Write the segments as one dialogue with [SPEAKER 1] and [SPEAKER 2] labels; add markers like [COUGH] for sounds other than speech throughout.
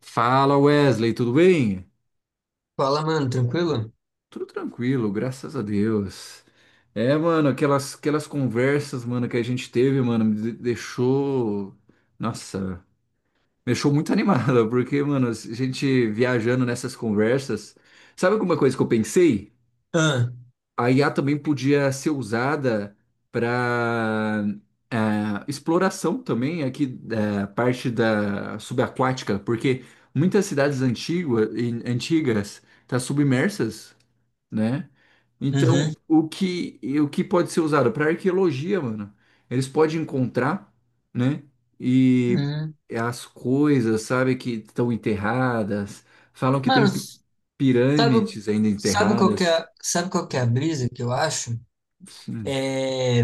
[SPEAKER 1] Fala Wesley, tudo bem?
[SPEAKER 2] Fala, mano, tranquilo?
[SPEAKER 1] Tudo tranquilo, graças a Deus. É, mano, aquelas conversas, mano, que a gente teve, mano, deixou. Nossa, me deixou muito animada, [LAUGHS] porque, mano, a gente viajando nessas conversas. Sabe alguma coisa que eu pensei?
[SPEAKER 2] Ah,
[SPEAKER 1] A IA também podia ser usada para exploração também aqui da parte da subaquática, porque muitas cidades antigas tá submersas, né? Então,
[SPEAKER 2] uhum,
[SPEAKER 1] o que pode ser usado para arqueologia, mano? Eles podem encontrar, né? E
[SPEAKER 2] uhum.
[SPEAKER 1] as coisas, sabe, que estão enterradas, falam que
[SPEAKER 2] Mano,
[SPEAKER 1] tem
[SPEAKER 2] sabe,
[SPEAKER 1] pirâmides ainda enterradas.
[SPEAKER 2] sabe qual que é a brisa que eu acho?
[SPEAKER 1] Sim.
[SPEAKER 2] É,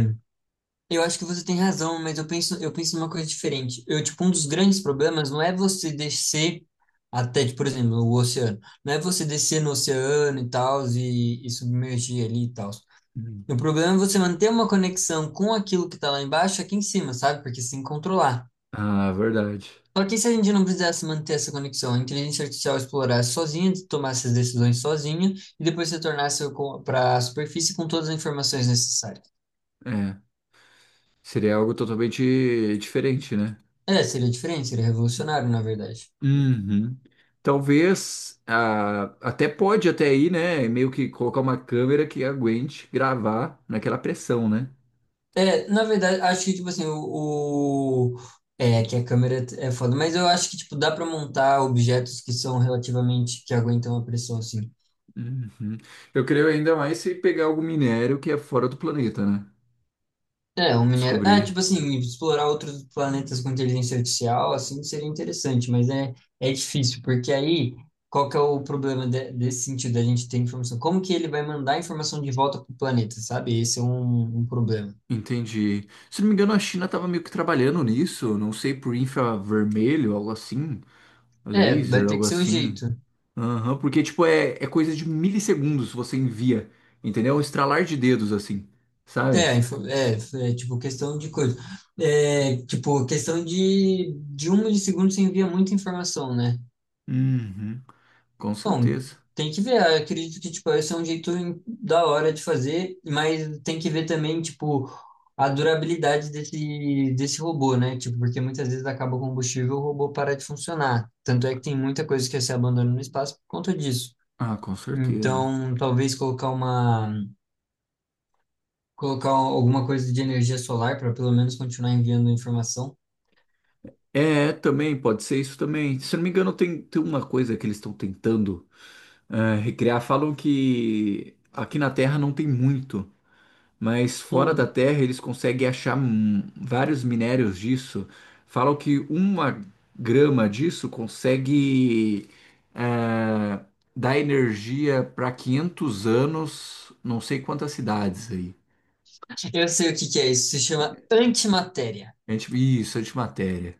[SPEAKER 2] eu acho que você tem razão, mas eu penso numa coisa diferente. Eu, tipo, um dos grandes problemas não é você descer até, tipo, por exemplo, o oceano. Não é você descer no oceano e tal, e submergir ali e tal. O problema é você manter uma conexão com aquilo que tá lá embaixo, aqui em cima, sabe? Porque se controlar.
[SPEAKER 1] Ah, verdade.
[SPEAKER 2] Só que se a gente não precisasse manter essa conexão, a inteligência artificial explorasse sozinha, tomasse as decisões sozinha e depois se tornasse para a superfície com todas as informações necessárias.
[SPEAKER 1] É. Seria algo totalmente diferente, né?
[SPEAKER 2] É, seria diferente, seria revolucionário, na verdade.
[SPEAKER 1] Uhum. Talvez, até pode até aí, né? Meio que colocar uma câmera que aguente gravar naquela pressão, né?
[SPEAKER 2] É, na verdade, acho que, tipo assim, É, que a câmera é foda, mas eu acho que, tipo, dá para montar objetos que são relativamente, que aguentam a pressão, assim.
[SPEAKER 1] Uhum. Eu creio ainda mais se pegar algum minério que é fora do planeta, né?
[SPEAKER 2] É, um minério. Ah,
[SPEAKER 1] Descobrir.
[SPEAKER 2] tipo assim, explorar outros planetas com inteligência artificial, assim, seria interessante, mas é difícil, porque aí, qual que é o problema desse sentido, da gente ter informação? Como que ele vai mandar a informação de volta para o planeta, sabe? Esse é um problema.
[SPEAKER 1] Entendi. Se não me engano, a China estava meio que trabalhando nisso, não sei, por infravermelho, algo assim,
[SPEAKER 2] É, vai
[SPEAKER 1] laser,
[SPEAKER 2] ter que
[SPEAKER 1] algo
[SPEAKER 2] ser o
[SPEAKER 1] assim.
[SPEAKER 2] jeito.
[SPEAKER 1] Aham, porque, tipo, é coisa de milissegundos você envia, entendeu? Um estralar de dedos, assim, sabe?
[SPEAKER 2] É, info- é, é, tipo, questão de coisa. É, tipo, questão de um milissegundo você envia muita informação, né?
[SPEAKER 1] Uhum, com
[SPEAKER 2] Bom,
[SPEAKER 1] certeza.
[SPEAKER 2] tem que ver. Eu acredito que, tipo, esse é um jeito da hora de fazer, mas tem que ver também, tipo, a durabilidade desse robô, né? Tipo, porque muitas vezes acaba o combustível, o robô para de funcionar. Tanto é que tem muita coisa que se abandona no espaço por conta disso.
[SPEAKER 1] Ah, com certeza.
[SPEAKER 2] Então, colocar alguma coisa de energia solar para pelo menos continuar enviando informação.
[SPEAKER 1] É, também, pode ser isso também. Se eu não me engano, tem uma coisa que eles estão tentando recriar. Falam que aqui na Terra não tem muito, mas fora da
[SPEAKER 2] Hum,
[SPEAKER 1] Terra eles conseguem achar, vários minérios disso. Falam que uma grama disso consegue, eh, dar energia para 500 anos, não sei quantas cidades aí.
[SPEAKER 2] eu sei o que que é isso. Se chama antimatéria.
[SPEAKER 1] A gente, isso, antimatéria.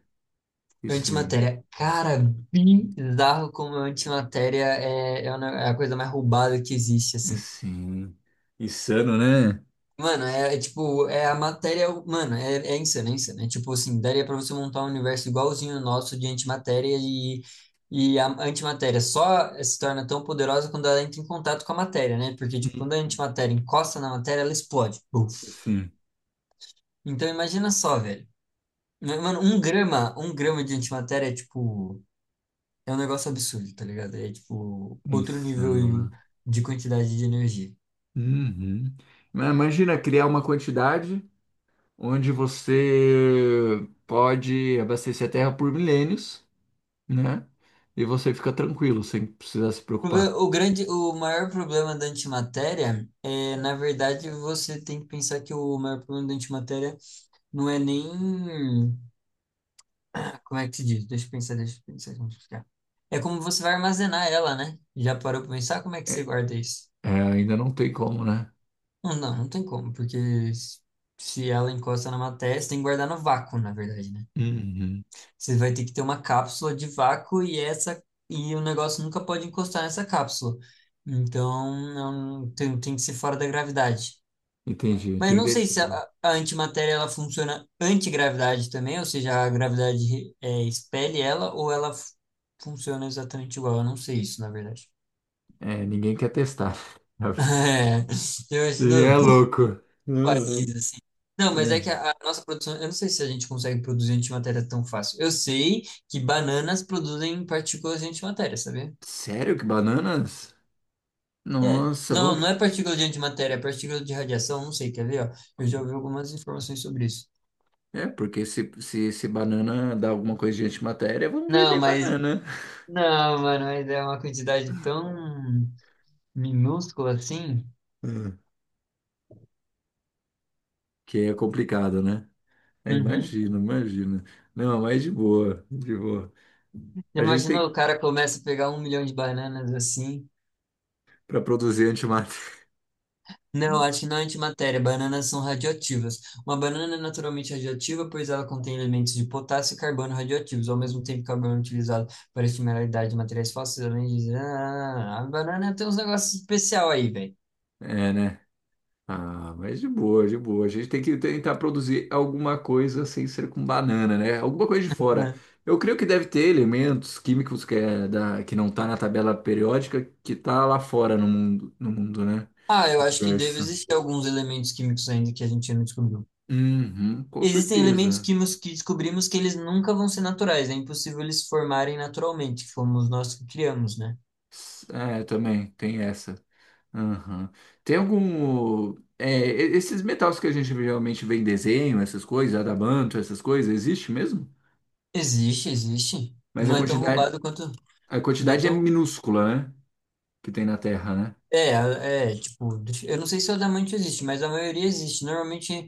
[SPEAKER 1] Isso aí.
[SPEAKER 2] Antimatéria. Cara, bizarro como antimatéria é a é a coisa mais roubada que existe, assim.
[SPEAKER 1] Assim, insano, né?
[SPEAKER 2] Mano, é a matéria. Mano, é insano, é insano. É tipo assim, daria pra você montar um universo igualzinho o nosso de antimatéria e a antimatéria só se torna tão poderosa quando ela entra em contato com a matéria, né? Porque, tipo,
[SPEAKER 1] Hum.
[SPEAKER 2] quando a antimatéria encosta na matéria, ela explode. Buf.
[SPEAKER 1] Assim,
[SPEAKER 2] Então, imagina só, velho. Mano, um grama de antimatéria é tipo. É um negócio absurdo, tá ligado? É tipo
[SPEAKER 1] é
[SPEAKER 2] outro
[SPEAKER 1] insano,
[SPEAKER 2] nível
[SPEAKER 1] né?
[SPEAKER 2] de quantidade de energia.
[SPEAKER 1] Uhum. Mas imagina criar uma quantidade onde você pode abastecer a Terra por milênios, né? E você fica tranquilo, sem precisar se preocupar.
[SPEAKER 2] O grande, o maior problema da antimatéria é, na verdade, você tem que pensar que o maior problema da antimatéria não é nem, como é que se diz? Deixa eu pensar, como explicar. É como você vai armazenar ela, né? Já parou pra pensar como é que você
[SPEAKER 1] É,
[SPEAKER 2] guarda isso?
[SPEAKER 1] é, ainda não tem como, né?
[SPEAKER 2] Não tem como, porque se ela encosta na matéria, você tem que guardar no vácuo, na verdade, né?
[SPEAKER 1] Uhum.
[SPEAKER 2] Você vai ter que ter uma cápsula de vácuo e essa e o negócio nunca pode encostar nessa cápsula. Então, não tem, tem que ser fora da gravidade.
[SPEAKER 1] Entendi, tem
[SPEAKER 2] Mas
[SPEAKER 1] que
[SPEAKER 2] não sei se a,
[SPEAKER 1] deixar.
[SPEAKER 2] a antimatéria ela funciona antigravidade também, ou seja, a gravidade expele ela ou ela funciona exatamente igual. Eu não sei isso, na verdade.
[SPEAKER 1] É, ninguém quer testar. [LAUGHS]
[SPEAKER 2] [LAUGHS] É, eu
[SPEAKER 1] E
[SPEAKER 2] imagino
[SPEAKER 1] é
[SPEAKER 2] o
[SPEAKER 1] louco. Uhum.
[SPEAKER 2] país assim. Não, mas é que
[SPEAKER 1] É.
[SPEAKER 2] a nossa produção, eu não sei se a gente consegue produzir antimatéria tão fácil. Eu sei que bananas produzem partículas de antimatéria, sabia?
[SPEAKER 1] Sério que bananas? Nossa,
[SPEAKER 2] Não,
[SPEAKER 1] vamos.
[SPEAKER 2] não é partícula de antimatéria, é partícula de radiação, não sei, quer ver, ó? Eu já ouvi algumas informações sobre isso.
[SPEAKER 1] É, porque se banana dá alguma coisa de antimatéria, vamos
[SPEAKER 2] Não,
[SPEAKER 1] vender
[SPEAKER 2] mas,
[SPEAKER 1] banana.
[SPEAKER 2] não, mano, mas é uma quantidade tão minúscula assim.
[SPEAKER 1] Uhum. Que é complicado, né? É,
[SPEAKER 2] Uhum.
[SPEAKER 1] imagino. Não, de boa.
[SPEAKER 2] Já
[SPEAKER 1] A gente
[SPEAKER 2] imaginou,
[SPEAKER 1] tem
[SPEAKER 2] o cara começa a pegar um milhão de bananas assim?
[SPEAKER 1] para produzir antimatéria. [LAUGHS]
[SPEAKER 2] Não, acho que não é antimatéria, bananas são radioativas. Uma banana é naturalmente radioativa, pois ela contém elementos de potássio e carbono radioativos, ao mesmo tempo que o carbono é utilizado para estimular a idade de materiais fósseis, além de... Ah, a banana tem uns negócios especial aí, velho.
[SPEAKER 1] É, né? Ah, de boa. A gente tem que tentar produzir alguma coisa sem ser com banana, né? Alguma coisa de fora. Eu creio que deve ter elementos químicos que, que não tá na tabela periódica que tá lá fora no mundo, né?
[SPEAKER 2] Ah, eu acho que deve
[SPEAKER 1] Universo.
[SPEAKER 2] existir alguns elementos químicos ainda que a gente não descobriu.
[SPEAKER 1] Uhum, com
[SPEAKER 2] Existem elementos
[SPEAKER 1] certeza.
[SPEAKER 2] químicos que descobrimos que eles nunca vão ser naturais, é impossível eles se formarem naturalmente, que fomos nós que criamos, né?
[SPEAKER 1] É, também tem essa. Aham. Tem algum, é, esses metais que a gente geralmente vê em desenho, essas coisas, adamanto, essas coisas, existe mesmo?
[SPEAKER 2] Existe, existe.
[SPEAKER 1] Mas
[SPEAKER 2] Não é tão roubado quanto.
[SPEAKER 1] a
[SPEAKER 2] Não é
[SPEAKER 1] quantidade é
[SPEAKER 2] tão.
[SPEAKER 1] minúscula, né? Que tem na Terra, né?
[SPEAKER 2] É, é, tipo, eu não sei se o diamante existe, mas a maioria existe. Normalmente,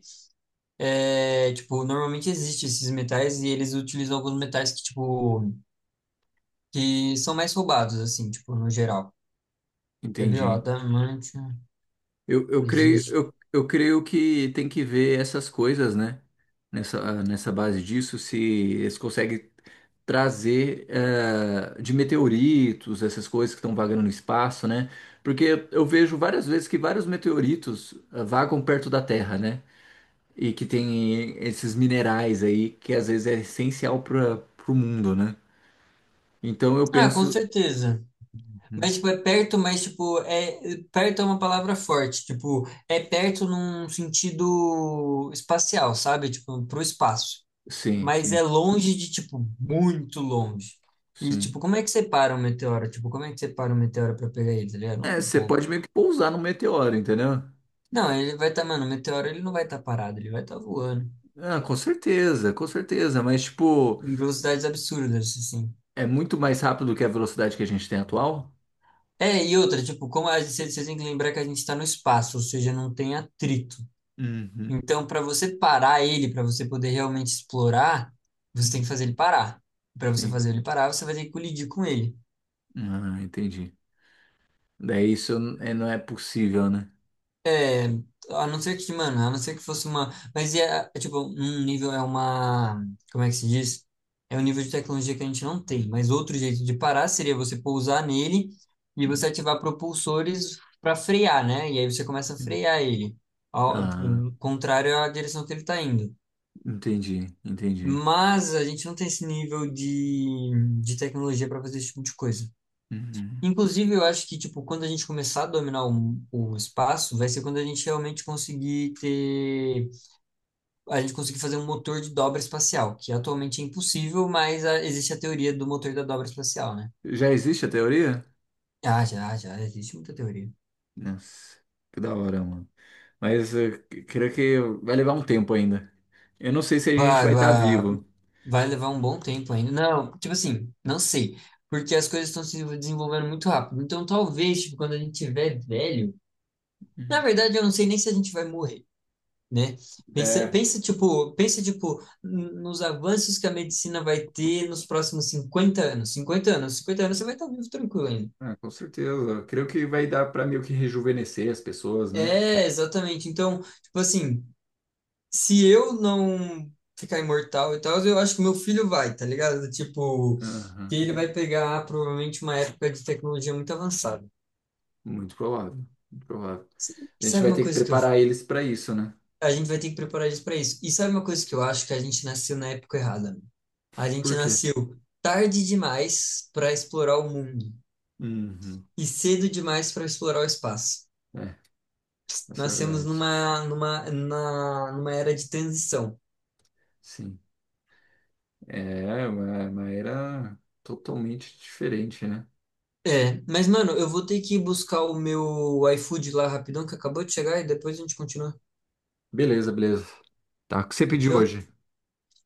[SPEAKER 2] é, tipo, normalmente existe esses metais e eles utilizam alguns metais que, tipo, que são mais roubados, assim, tipo, no geral. Quer ver, ó,
[SPEAKER 1] Entendi.
[SPEAKER 2] diamante
[SPEAKER 1] Eu, eu creio,
[SPEAKER 2] existe.
[SPEAKER 1] eu, eu creio que tem que ver essas coisas, né? Nessa base disso, se eles conseguem trazer, de meteoritos, essas coisas que estão vagando no espaço, né? Porque eu vejo várias vezes que vários meteoritos, vagam perto da Terra, né? E que tem esses minerais aí que às vezes é essencial para o mundo, né? Então eu
[SPEAKER 2] Ah, com
[SPEAKER 1] penso.
[SPEAKER 2] certeza. Mas, tipo, é perto, mas, tipo, é... Perto é uma palavra forte. Tipo, é perto num sentido espacial, sabe? Tipo, pro espaço.
[SPEAKER 1] Sim,
[SPEAKER 2] Mas é
[SPEAKER 1] sim,
[SPEAKER 2] longe de, tipo, muito longe. E,
[SPEAKER 1] sim.
[SPEAKER 2] tipo, como é que separa um meteoro? Tipo, como é que separa um meteoro pra pegar ele, tá ligado? Não
[SPEAKER 1] É,
[SPEAKER 2] tem
[SPEAKER 1] você
[SPEAKER 2] como.
[SPEAKER 1] pode meio que pousar no meteoro, entendeu?
[SPEAKER 2] Não, ele vai estar, tá, mano, o meteoro, ele não vai estar parado, ele vai estar voando.
[SPEAKER 1] Ah, com certeza, mas tipo,
[SPEAKER 2] Em velocidades absurdas, assim.
[SPEAKER 1] é muito mais rápido do que a velocidade que a gente tem atual?
[SPEAKER 2] É, e outra, tipo, como a gente, vocês têm que lembrar que a gente está no espaço, ou seja, não tem atrito.
[SPEAKER 1] Uhum.
[SPEAKER 2] Então, para você parar ele, para você poder realmente explorar, você tem
[SPEAKER 1] Hum,
[SPEAKER 2] que fazer ele parar. Para você
[SPEAKER 1] sim.
[SPEAKER 2] fazer ele parar, você vai ter que colidir com ele.
[SPEAKER 1] Ah, entendi. Daí isso não é possível, né?
[SPEAKER 2] É, a não ser que, mano, a não ser que fosse uma. Mas é tipo, um nível é uma. Como é que se diz? É um nível de tecnologia que a gente não tem. Mas outro jeito de parar seria você pousar nele e
[SPEAKER 1] Hum,
[SPEAKER 2] você ativar propulsores para frear, né? E aí você começa a
[SPEAKER 1] sim.
[SPEAKER 2] frear ele, ao
[SPEAKER 1] Ah,
[SPEAKER 2] contrário à direção que ele está indo.
[SPEAKER 1] entendi, entendi.
[SPEAKER 2] Mas a gente não tem esse nível de tecnologia para fazer esse tipo de coisa.
[SPEAKER 1] Uhum.
[SPEAKER 2] Inclusive, eu acho que, tipo, quando a gente começar a dominar o espaço, vai ser quando a gente realmente conseguir ter... A gente conseguir fazer um motor de dobra espacial, que atualmente é impossível, mas ah, existe a teoria do motor da dobra espacial, né?
[SPEAKER 1] Já existe a teoria?
[SPEAKER 2] Ah, já, existe muita teoria.
[SPEAKER 1] Nossa, que da hora, mano. Mas eu creio que vai levar um tempo ainda. Eu não sei se a gente
[SPEAKER 2] Vai,
[SPEAKER 1] vai estar
[SPEAKER 2] vai,
[SPEAKER 1] vivo.
[SPEAKER 2] vai levar um bom tempo ainda. Não, tipo assim, não sei. Porque as coisas estão se desenvolvendo muito rápido. Então, talvez, tipo, quando a gente tiver velho. Na
[SPEAKER 1] Uhum.
[SPEAKER 2] verdade, eu não sei nem se a gente vai morrer, né?
[SPEAKER 1] É,
[SPEAKER 2] Pensa tipo nos avanços que a medicina vai ter nos próximos 50 anos. 50 anos você vai estar vivo tranquilo ainda.
[SPEAKER 1] ah, com certeza. Creio que vai dar para meio que rejuvenescer as pessoas, né?
[SPEAKER 2] É, exatamente. Então, tipo assim, se eu não ficar imortal e tal, eu acho que meu filho vai, tá ligado? Tipo,
[SPEAKER 1] Aham.
[SPEAKER 2] que ele vai pegar provavelmente uma época de tecnologia muito avançada.
[SPEAKER 1] Muito provável. Muito provável.
[SPEAKER 2] E
[SPEAKER 1] A gente
[SPEAKER 2] sabe
[SPEAKER 1] vai
[SPEAKER 2] uma
[SPEAKER 1] ter que
[SPEAKER 2] coisa que eu,
[SPEAKER 1] preparar eles para isso, né?
[SPEAKER 2] a gente vai ter que preparar isso para isso. E sabe uma coisa que eu acho que a gente nasceu na época errada. A gente
[SPEAKER 1] Por quê?
[SPEAKER 2] nasceu tarde demais para explorar o mundo
[SPEAKER 1] Uhum.
[SPEAKER 2] e cedo demais para explorar o espaço.
[SPEAKER 1] É, essa é a
[SPEAKER 2] Nascemos
[SPEAKER 1] verdade.
[SPEAKER 2] numa, numa, na- numa era de transição.
[SPEAKER 1] Sim. É uma era totalmente diferente, né?
[SPEAKER 2] É, mas mano, eu vou ter que buscar o meu iFood lá rapidão, que acabou de chegar, e depois a gente continua.
[SPEAKER 1] Beleza, beleza. Tá, o que você pediu
[SPEAKER 2] Fechou?
[SPEAKER 1] hoje?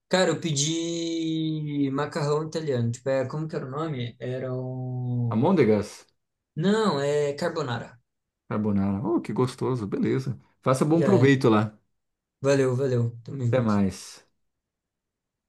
[SPEAKER 2] Cara, eu pedi macarrão italiano. Tipo, é, como que era o nome? Era o.
[SPEAKER 1] Almôndegas?
[SPEAKER 2] Não, é carbonara.
[SPEAKER 1] Carbonara. Oh, que gostoso. Beleza. Faça bom
[SPEAKER 2] Já é.
[SPEAKER 1] proveito lá.
[SPEAKER 2] Valeu, valeu. Tamo
[SPEAKER 1] Até
[SPEAKER 2] junto.
[SPEAKER 1] mais.